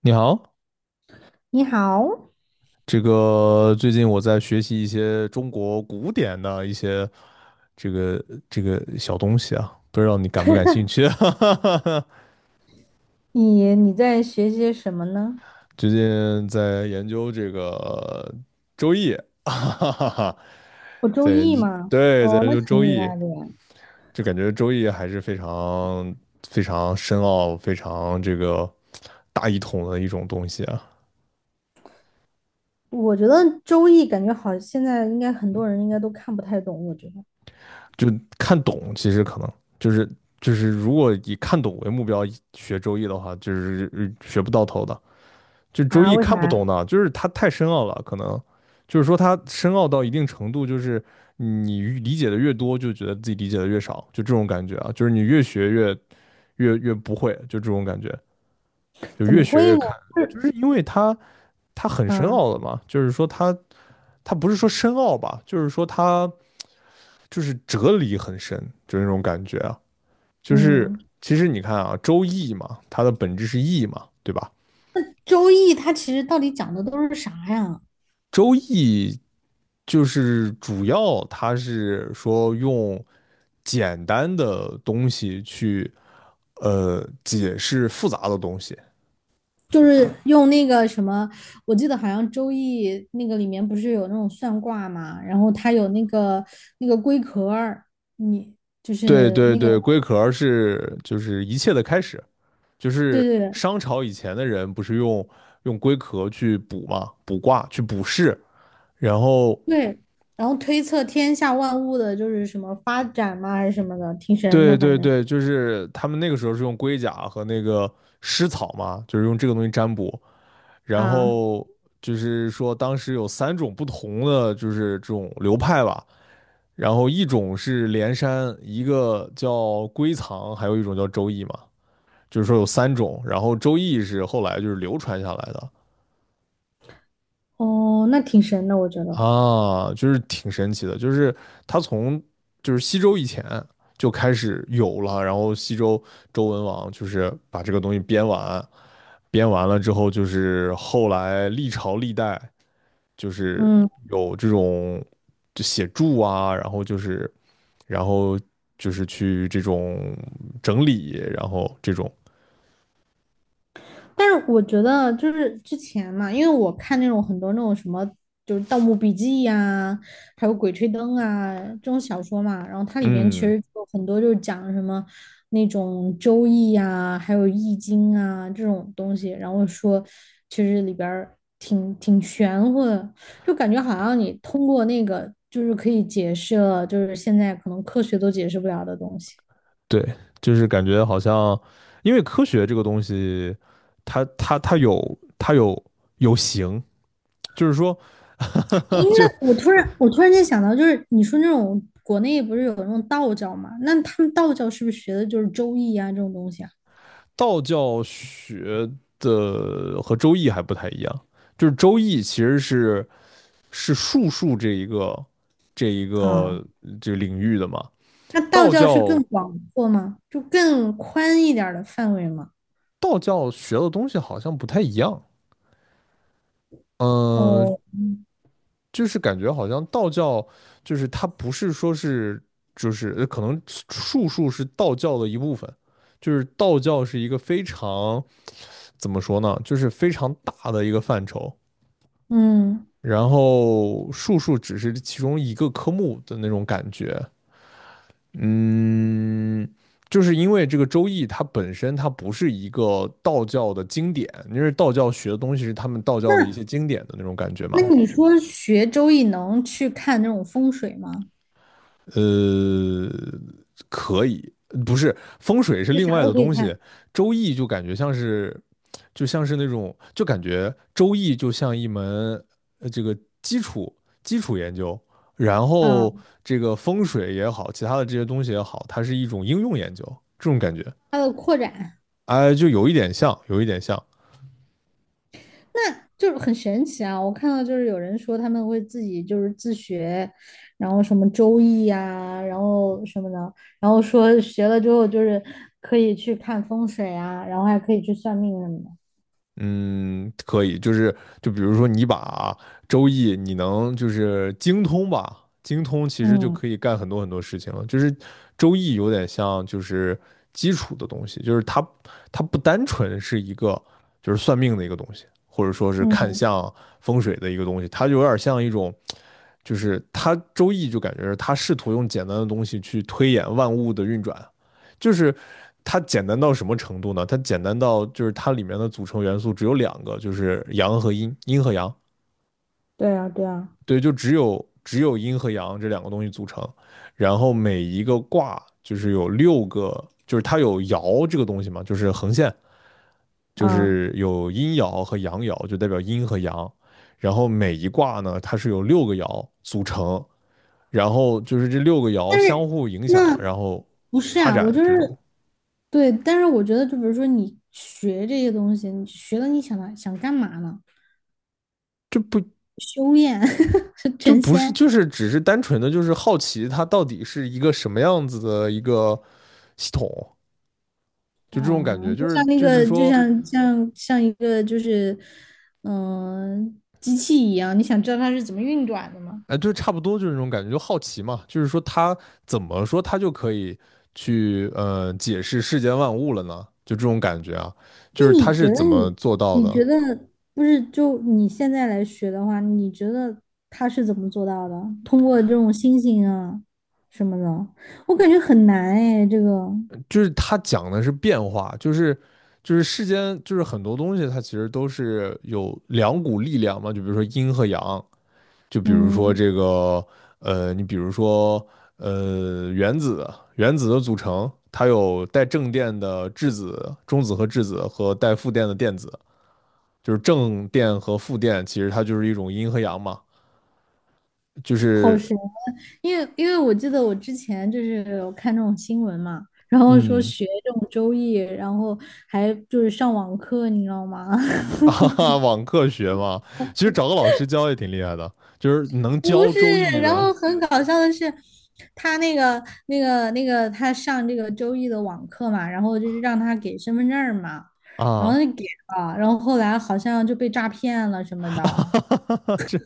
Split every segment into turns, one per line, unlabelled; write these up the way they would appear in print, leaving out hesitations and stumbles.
你好。
你好，
最近我在学习一些中国古典的一些这个这个小东西啊，不知道你感不感兴趣？哈哈哈。
你在学些什么呢？
最近在研究这个《周易》哈哈哈，
我周
在研
易
究，
吗？
对，在
哦，
研
那
究
挺
《周
厉
易》，
害的呀。
就感觉《周易》还是非常非常深奥、非常大一统的一种东西啊。
我觉得周易感觉好，现在应该很多人应该都看不太懂。我觉得
就看懂，其实可能就是就是如果以看懂为目标学周易的话，就是学不到头的。就周
啊，
易
为
看不懂
啥？
的，就是它太深奥了，可能就是说它深奥到一定程度，就是你理解的越多，就觉得自己理解的越少，就这种感觉啊，就是你越学越不会，就这种感觉，就
怎么
越学
会
越
呢？
看，
是，
就是因为它很深
嗯
奥的嘛，就是说它不是说深奥吧，就是说它就是哲理很深，就那种感觉啊，就是
嗯，
其实你看啊，周易嘛，它的本质是易嘛，对吧？
周易它其实到底讲的都是啥呀？
周易就是主要它是说用简单的东西去解释复杂的东西。
就是用那个什么，我记得好像周易那个里面不是有那种算卦嘛，然后它有那个龟壳儿，你就
对
是
对
那个
对，龟壳是就是一切的开始，就
对
是
对对，
商朝以前的人不是用龟壳去卜嘛，卜卦去卜筮，然后
对，然后推测天下万物的就是什么发展嘛，还是什么的，挺神的，
对
反
对
正
对，就是他们那个时候是用龟甲和那个尸草嘛，就是用这个东西占卜，然
啊，
后就是说当时有三种不同的就是这种流派吧，然后一种是连山，一个叫龟藏，还有一种叫周易嘛，就是说有三种，然后周易是后来就是流传下来的，
哦，那挺神的，我觉得，
啊，就是挺神奇的，就是他从就是西周以前就开始有了，然后西周周文王就是把这个东西编完，编完了之后，就是后来历朝历代就是
嗯，
有这种就写注啊，然后就是去这种整理，然后这种
但是我觉得就是之前嘛，因为我看那种很多那种什么，就是《盗墓笔记》呀，还有《鬼吹灯》啊这种小说嘛，然后它里边其
嗯，
实有很多就是讲什么那种《周易》呀，还有《易经》啊这种东西，然后说其实里边儿挺玄乎的，就感觉好像你通过那个就是可以解释了，就是现在可能科学都解释不了的东西。
对，就是感觉好像，因为科学这个东西，它有形，就是说，
诶，
就
那 我突然间想到，就是你说那种国内不是有那种道教嘛？那他们道教是不是学的就是周易啊这种东西啊？
道教学的和周易还不太一样，就是周易其实是术数这一个
啊。
这个领域的嘛，
那道
道
教是
教
更广阔吗？就更宽一点儿的范围吗？
道教学的东西好像不太一样，嗯、
哦，
就是感觉好像道教就是它不是说是就是可能术数是道教的一部分，就是道教是一个非常怎么说呢，就是非常大的一个范畴，
嗯，
然后术数只是其中一个科目的那种感觉，嗯。就是因为这个《周易》，它本身它不是一个道教的经典，因为道教学的东西是他们道教的一些
那
经典的那种感觉
那
嘛。
你说学周易能去看那种风水吗？
呃，可以，不是风水是
就
另
啥
外
都
的
可以
东西，
看
周易就感觉像是，就像是那种，就感觉周易就像一门呃这个基础基础研究，然
啊，
后这个风水也好，其他的这些东西也好，它是一种应用研究，这种感觉，
它的扩展。
哎，就有一点像，有一点像，
那就是很神奇啊！我看到就是有人说他们会自己就是自学，然后什么周易呀、然后什么的，然后说学了之后就是可以去看风水啊，然后还可以去算命什么的。
嗯，可以，就是比如说你把周易，你能就是精通吧，精通其实就
嗯
可以干很多很多事情了。就是周易有点像就是基础的东西，就是它不单纯是一个就是算命的一个东西，或者说是看
嗯，
相风水的一个东西，它就有点像一种就是它周易就感觉是它试图用简单的东西去推演万物的运转，就是它简单到什么程度呢？它简单到就是它里面的组成元素只有两个，就是阳和阴，阴和阳，
对啊对啊
对，就只有阴和阳这两个东西组成，然后每一个卦就是有六个，就是它有爻这个东西嘛，就是横线，就
啊！
是有阴爻和阳爻，就代表阴和阳，然后每一卦呢，它是由六个爻组成，然后就是这六个爻
但
相
是
互影响，然
那
后
不是
发
啊，我
展
就是
这种。
对，但是我觉得就比如说你学这些东西，你学了你想想干嘛呢？
这不
修炼
就
成
不是，
仙。
就是只是单纯的就是好奇它到底是一个什么样子的一个系统，就这种感
啊，
觉，就
就
是
像那
就是
个，就
说，
像像一个就是，嗯、机器一样，你想知道它是怎么运转的吗？
哎，就差不多就是那种感觉，就好奇嘛，就是说它怎么说它就可以去解释世间万物了呢？就这种感觉啊，
那
就是
你
它是
觉得
怎么
你，
做到
你
的？
觉得不是就你现在来学的话，你觉得它是怎么做到的？通过这种星星啊什么的，我感觉很难哎，这个，
就是它讲的是变化，就是世间就是很多东西它其实都是有两股力量嘛，就比如说阴和阳，就比如说
嗯，
这个，你比如说，原子，原子的组成，它有带正电的质子、中子和质子，和带负电的电子，就是正电和负电，其实它就是一种阴和阳嘛，就
好
是，
神因为我记得我之前就是有看这种新闻嘛，然后说
嗯，
学这种周易，然后还就是上网课，你知道吗？
啊哈哈，网课学嘛，其实找个老师教也挺厉害的，就是能教
不
《周
是，
易》
然
的
后很搞笑的是，他那个那个他上这个周易的网课嘛，然后就是让他给身份证儿嘛，然后
啊。
就给了，然后后来好像就被诈骗了什 么
哈
的。
哈哈，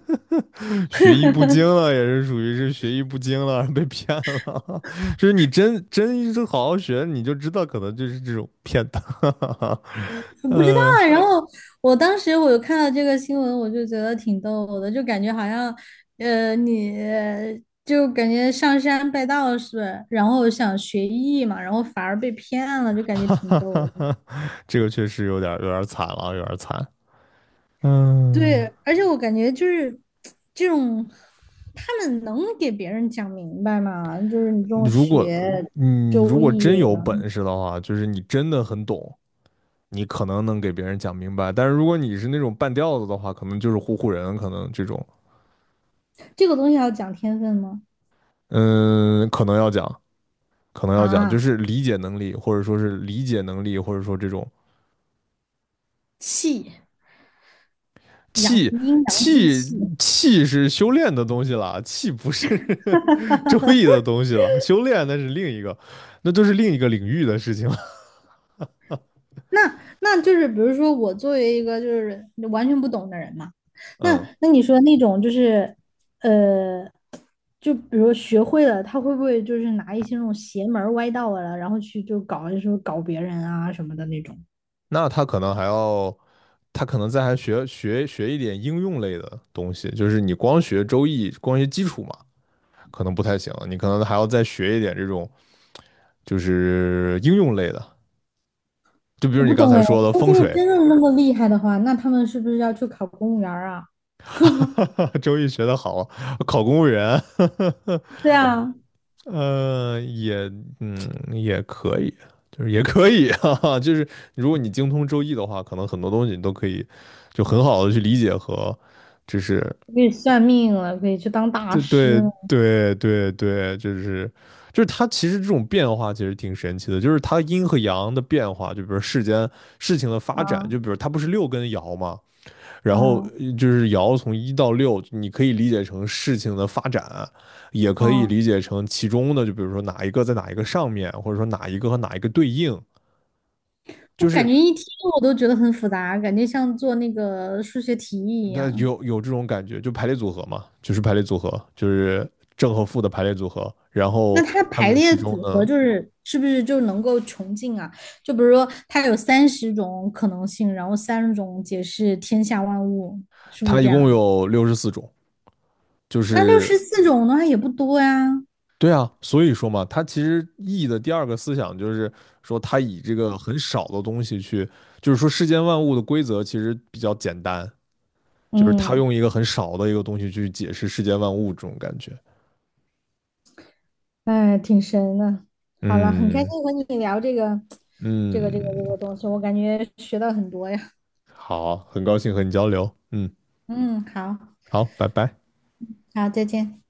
学艺不精了，也是属于是学艺不精了，被骗了。就是你真一直好好学，你就知道可能就是这种骗的。
我不知道
呃，
啊。然后我当时有看到这个新闻，我就觉得挺逗的，就感觉好像，你就感觉上山拜道士，然后想学艺嘛，然后反而被骗了，就感觉挺逗的。
这个确实有点惨了，有点惨。
对，
嗯，
而且我感觉就是这种，他们能给别人讲明白吗？就是你这种
如果
学
你如
周
果真
易的，
有本事的话，就是你真的很懂，你可能能给别人讲明白。但是如果你是那种半吊子的话，可能就是唬唬人，可能这种，
这个东西要讲天分吗？
嗯，可能要讲。可能要讲，就
啊，
是理解能力，或者说是理解能力，或者说这种
气，阳，
气
阴阳之
气
气。
气是修炼的东西了，气不是 周易的东西了，修炼那是另一个，那都是另一个领域的事情了。
那那就是，比如说我作为一个就是完全不懂的人嘛，那
嗯，
那你说那种就是，呃，就比如学会了，他会不会就是拿一些那种邪门儿歪道啊，然后去就是搞别人啊什么的那种？
那他可能还要，他可能再还学一点应用类的东西，就是你光学周易，光学基础嘛，可能不太行，你可能还要再学一点这种，就是应用类的，就比
我
如你
不
刚
懂
才
哎，
说的
说
风
这个
水。
真的那么厉害的话，那他们是不是要去考公务员儿啊？
周易学得好，考公务员，
对啊，
也嗯也可以，就是也可以啊，就是如果你精通周易的话，可能很多东西你都可以就很好的去理解和，就是
可以算命了，可以去当大
对
师
对
了
对对对，就是它其实这种变化其实挺神奇的，就是它阴和阳的变化，就比如世间事情的发展，
啊？
就比如它不是六根爻吗？
啊
然后
啊。
就是爻从一到六，你可以理解成事情的发展，也可以理解成其中的，就比如说哪一个在哪一个上面，或者说哪一个和哪一个对应，
我
就
感
是
觉一听我都觉得很复杂，感觉像做那个数学题一
它
样。
有这种感觉，就排列组合嘛，就是排列组合，就是正和负的排列组合。然
那
后
它的
它
排
们
列
其中
组合
呢，
就是是不是就能够穷尽啊？就比如说它有三十种可能性，然后三十种解释天下万物，是不是
它
这
一共
样的？
有64种，就
那六
是
十四种的话也不多呀。
对啊，所以说嘛，他其实易的第二个思想就是说，他以这个很少的东西去，就是说世间万物的规则其实比较简单，就是他
嗯，
用一个很少的一个东西去解释世间万物这种感觉。
哎，挺神的。好了，很开
嗯
心和你聊这个，这个，这个，这
嗯，
个东西，我感觉学到很多呀。
好，很高兴和你交流。嗯，
嗯，好，
好，拜拜。
好，再见。